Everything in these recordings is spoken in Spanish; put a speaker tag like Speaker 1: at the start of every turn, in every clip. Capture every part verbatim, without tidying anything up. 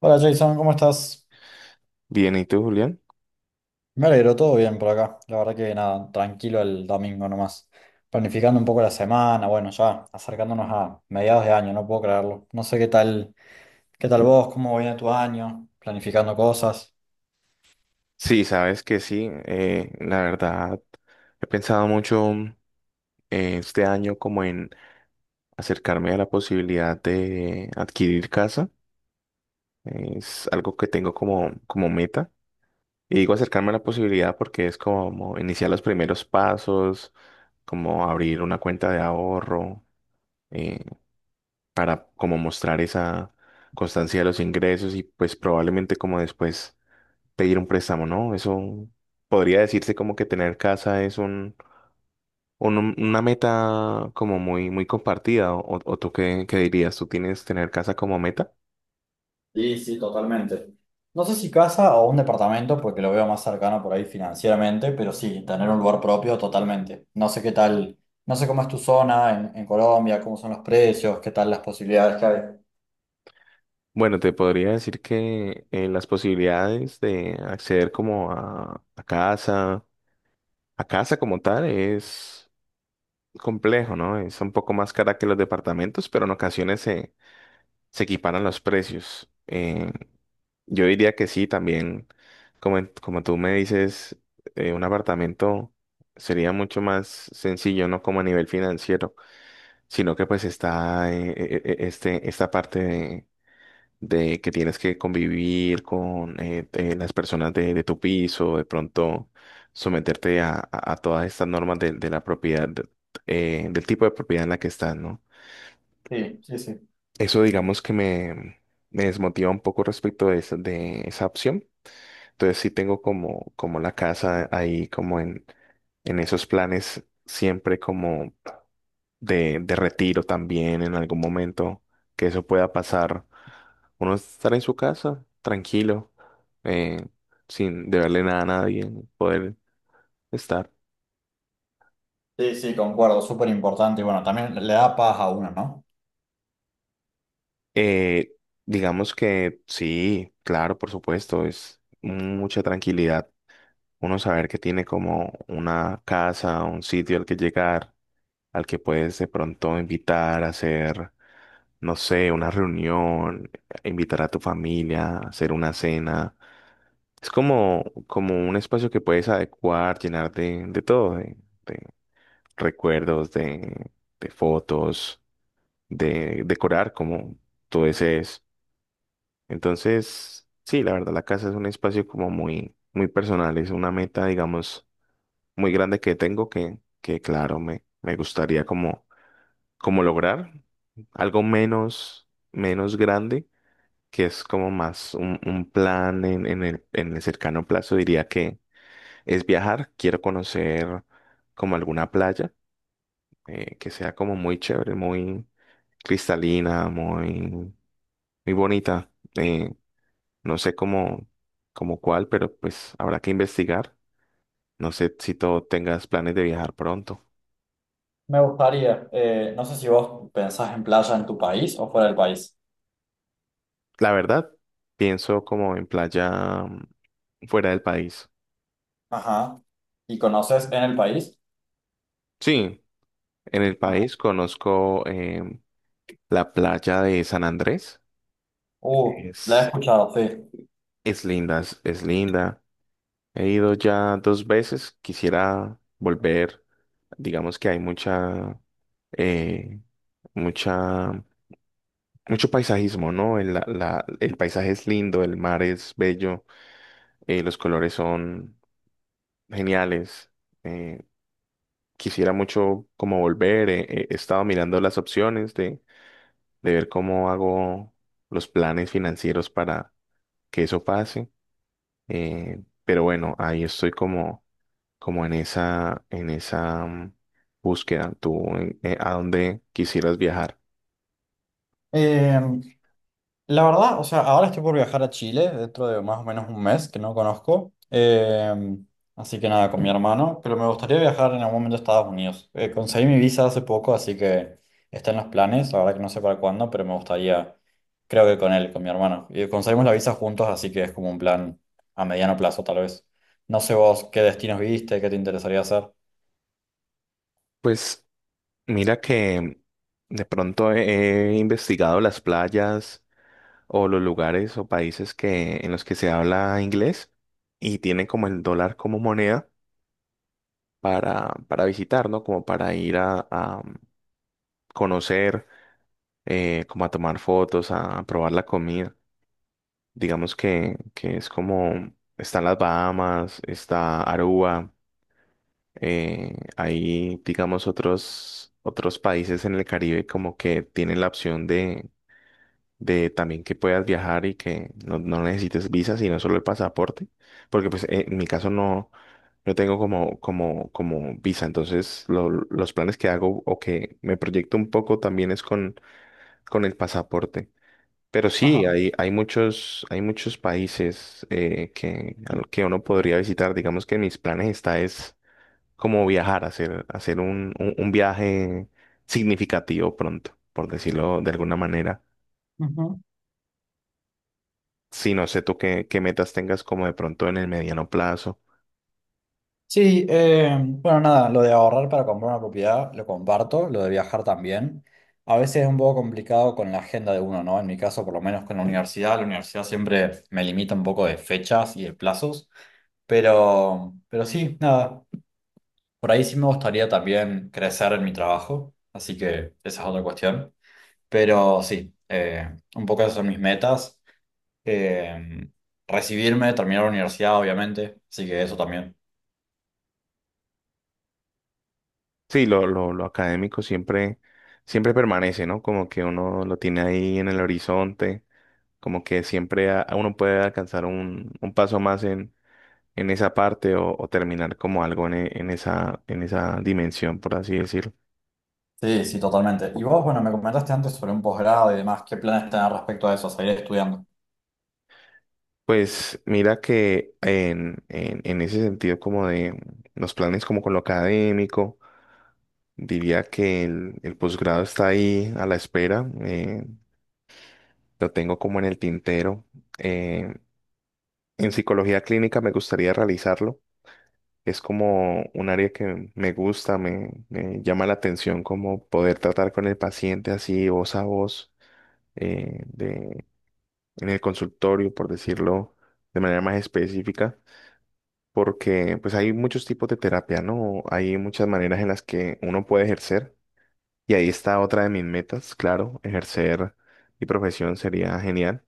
Speaker 1: Hola Jason, ¿cómo estás?
Speaker 2: Bien, ¿y tú, Julián?
Speaker 1: Me alegro, todo bien por acá. La verdad que nada, tranquilo el domingo nomás. Planificando un poco la semana, bueno, ya acercándonos a mediados de año, no puedo creerlo. No sé qué tal, qué tal vos, cómo viene tu año, planificando cosas.
Speaker 2: Sí, sabes que sí, eh, la verdad, he pensado mucho eh, este año como en acercarme a la posibilidad de adquirir casa. Es algo que tengo como, como meta. Y digo acercarme a la posibilidad porque es como iniciar los primeros pasos, como abrir una cuenta de ahorro, eh, para como mostrar esa constancia de los ingresos y pues probablemente como después. Pedir un préstamo, ¿no? Eso podría decirse como que tener casa es un, un- una meta como muy, muy compartida. ¿O, o tú qué, qué dirías? ¿Tú tienes tener casa como meta?
Speaker 1: Sí, sí, totalmente. No sé si casa o un departamento, porque lo veo más cercano por ahí financieramente, pero sí, tener un lugar propio totalmente. No sé qué tal, no sé cómo es tu zona en, en Colombia, cómo son los precios, qué tal las posibilidades que hay.
Speaker 2: Bueno, te podría decir que eh, las posibilidades de acceder como a, a casa, a casa como tal es complejo, ¿no? Es un poco más cara que los departamentos, pero en ocasiones se, se equiparan los precios. Eh, Yo diría que sí, también, como, en- como tú me dices, eh, un apartamento sería mucho más sencillo, no como a nivel financiero, sino que pues está eh, eh, eh, este, esta parte de, de que tienes que convivir con eh, eh, las personas de, de tu piso, de pronto someterte a, a- a todas estas normas de, de la propiedad, de- eh, del tipo de propiedad en la que estás, ¿no?
Speaker 1: Sí, sí, sí.
Speaker 2: Eso digamos que me, me desmotiva un poco respecto de esa de esa opción. Entonces sí tengo como, como la casa ahí como en, en esos planes siempre como de, de retiro también en algún momento que eso pueda pasar. Uno estar en su casa tranquilo, eh, sin deberle nada a nadie, poder estar.
Speaker 1: Sí, sí, concuerdo, súper importante. Y bueno, también le da paz a uno, ¿no?
Speaker 2: Eh, digamos que sí, claro, por supuesto, es mucha tranquilidad. Uno saber que tiene como una casa, un sitio al que llegar al que puedes de pronto invitar a hacer, no sé, una reunión, invitar a tu familia, hacer una cena. Es como, como un espacio que puedes adecuar, llenar de, de todo, de, de recuerdos, de, de fotos, de decorar como tú desees. Entonces, sí, la verdad, la casa es un espacio como muy, muy personal, es una meta, digamos, muy grande que tengo que, que claro, me, me gustaría como como lograr algo menos, menos grande, que es como más un, un plan en, en el, en el cercano plazo, diría que es viajar. Quiero conocer como alguna playa eh, que sea como muy chévere, muy cristalina, muy, muy bonita. Eh, no sé cómo, cómo cuál, pero pues habrá que investigar. No sé si tú tengas planes de viajar pronto.
Speaker 1: Me gustaría, eh, no sé si vos pensás en playa en tu país o fuera del país.
Speaker 2: La verdad, pienso como en playa mm, fuera del país.
Speaker 1: Ajá. ¿Y conoces en el país?
Speaker 2: Sí, en el
Speaker 1: Ajá.
Speaker 2: país conozco em, la playa de San Andrés.
Speaker 1: Uh, la he
Speaker 2: Es,
Speaker 1: escuchado, sí.
Speaker 2: es linda, es, es linda. He ido ya dos veces, quisiera volver. Digamos que hay mucha, eh, mucha, mucho paisajismo, ¿no? El, la- la- el paisaje es lindo, el mar es bello, eh, los colores son geniales. Eh, quisiera mucho como volver. eh, eh, he estado mirando las opciones de ver cómo hago los planes financieros para que eso pase. eh, pero bueno, ahí estoy como, como en esa, en esa mm, búsqueda. ¿Tú eh, a dónde quisieras viajar?
Speaker 1: Eh, La verdad, o sea, ahora estoy por viajar a Chile dentro de más o menos un mes que no conozco. Eh, así que nada, con mi hermano. Pero me gustaría viajar en algún momento a Estados Unidos. Eh, conseguí mi visa hace poco, así que está en los planes. La verdad que no sé para cuándo, pero me gustaría, creo que con él, con mi hermano. Y conseguimos la visa juntos, así que es como un plan a mediano plazo, tal vez. No sé vos qué destinos viste, qué te interesaría hacer.
Speaker 2: Pues mira que de pronto he, he investigado las playas o los lugares o países que, en los que se habla inglés y tienen como el dólar como moneda para, para visitar, ¿no? Como para ir a a mm, conocer. eh, como a tomar fotos, a probar la comida. Digamos que, que es como, están las Bahamas, está Aruba, eh, hay, digamos, otros, otros países en el Caribe como que tienen la opción de, de también que puedas viajar y que no, no necesites visa, sino solo el pasaporte, porque pues eh, en mi caso no, no tengo como, como, como visa, entonces lo- los planes que hago o que me proyecto un poco también es con, con el pasaporte. Pero sí,
Speaker 1: Ajá.
Speaker 2: hay, hay muchos, hay muchos países eh, que, a lo que uno podría visitar. Digamos que en mis planes está es como viajar, hacer, hacer un, un, un viaje significativo pronto, por decirlo de alguna manera. Sí, no sé tú qué, qué metas tengas como de pronto en el mediano plazo.
Speaker 1: Sí, eh, bueno, nada, lo de ahorrar para comprar una propiedad lo comparto, lo de viajar también. A veces es un poco complicado con la agenda de uno, ¿no? En mi caso, por lo menos con la universidad, la universidad siempre me limita un poco de fechas y de plazos, pero, pero sí, nada, por ahí sí me gustaría también crecer en mi trabajo, así que esa es otra cuestión. Pero sí, eh, un poco esas son mis metas. Eh, Recibirme, terminar la universidad, obviamente, así que eso también.
Speaker 2: Sí, lo, lo, lo académico siempre, siempre permanece, ¿no? Como que uno lo tiene ahí en el horizonte, como que siempre a- uno puede alcanzar un, un paso más en esa parte o, o terminar como algo en, e- en esa, en esa dimensión, por así decirlo.
Speaker 1: Sí, sí, totalmente. Y vos, bueno, me comentaste antes sobre un posgrado y demás, ¿qué planes tenés respecto a eso, seguir estudiando?
Speaker 2: Pues mira que en, en, en ese sentido como de los planes como con lo académico, diría que el, el posgrado está ahí a la espera, eh, lo tengo como en el tintero. Eh, en psicología clínica me gustaría realizarlo. Es como un área que me gusta, me, me llama la atención como poder tratar con el paciente así voz a voz eh, en el consultorio, por decirlo de manera más específica, porque pues hay muchos tipos de terapia, ¿no? Hay muchas maneras en las que uno puede ejercer y ahí está otra de mis metas, claro, ejercer mi profesión sería genial.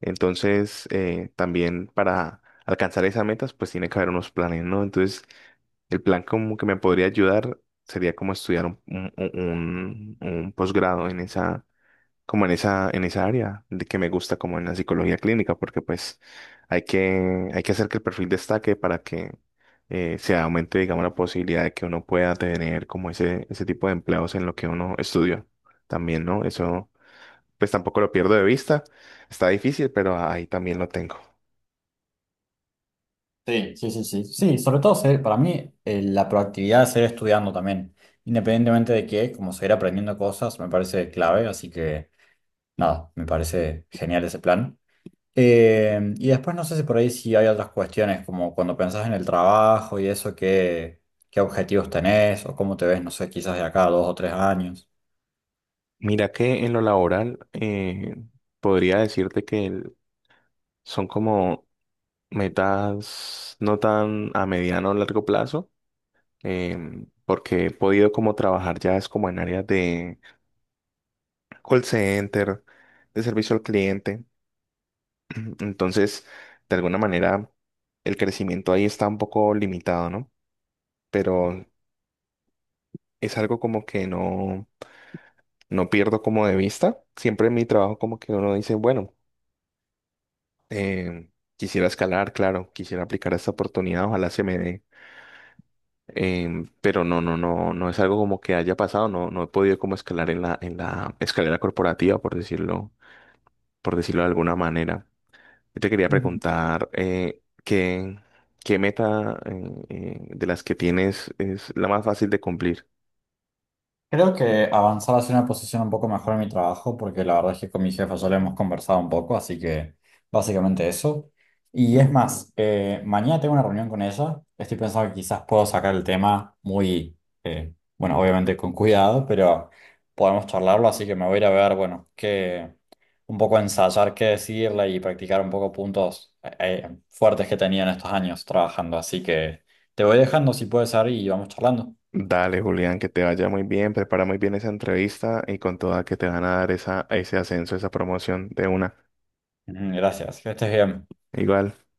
Speaker 2: Entonces, eh, también para alcanzar esas metas, pues tiene que haber unos planes, ¿no? Entonces, el plan como que me podría ayudar sería como estudiar un, un, un- un posgrado en esa como en esa, en esa área de que me gusta como en la psicología clínica, porque pues hay que, hay que hacer que el perfil destaque para que eh, se aumente, digamos, la posibilidad de que uno pueda tener como ese, ese tipo de empleados en lo que uno estudia también, ¿no? Eso pues tampoco lo pierdo de vista, está difícil, pero ahí también lo tengo.
Speaker 1: Sí, sí, sí, sí. Sí, sobre todo seguir, para mí eh, la proactividad de seguir estudiando también, independientemente de qué, como seguir aprendiendo cosas, me parece clave, así que nada, me parece genial ese plan. Eh, y después no sé si por ahí si hay otras cuestiones, como cuando pensás en el trabajo y eso, qué, qué objetivos tenés o cómo te ves, no sé, quizás de acá a dos o tres años.
Speaker 2: Mira que en lo laboral eh, podría decirte que el- son como metas no tan a mediano o largo plazo em, porque he podido como trabajar ya es como en áreas de call center, de servicio al cliente. Entonces, de alguna manera, el crecimiento ahí está un poco limitado, ¿no? Pero es algo como que no, no pierdo como de vista. Siempre en mi trabajo como que uno dice, bueno, em, quisiera escalar, claro, quisiera aplicar esta oportunidad, ojalá se me dé. em, pero no, no, no, no es algo como que haya pasado, no, no he podido como escalar en la, en la escalera corporativa, por decirlo por decirlo de alguna manera. Yo te quería preguntar eh, ¿qué, qué meta eh, eh, de las que tienes es la más fácil de cumplir?
Speaker 1: Creo que avanzar hacia una posición un poco mejor en mi trabajo, porque la verdad es que con mi jefa ya lo hemos conversado un poco, así que básicamente eso. Y es más, eh, mañana tengo una reunión con ella. Estoy pensando que quizás puedo sacar el tema muy, eh, bueno, obviamente con cuidado, pero podemos charlarlo, así que me voy a ir a ver, bueno, que un poco ensayar qué decirle y practicar un poco puntos eh, eh, fuertes que he tenido en estos años trabajando. Así que te voy dejando si puede ser y vamos charlando.
Speaker 2: Dale, Julián, que te vaya muy bien, prepara muy bien esa entrevista y con toda que te van a dar esa, ese ascenso, esa promoción de una.
Speaker 1: Ujú, gracias, que estés bien.
Speaker 2: Igual.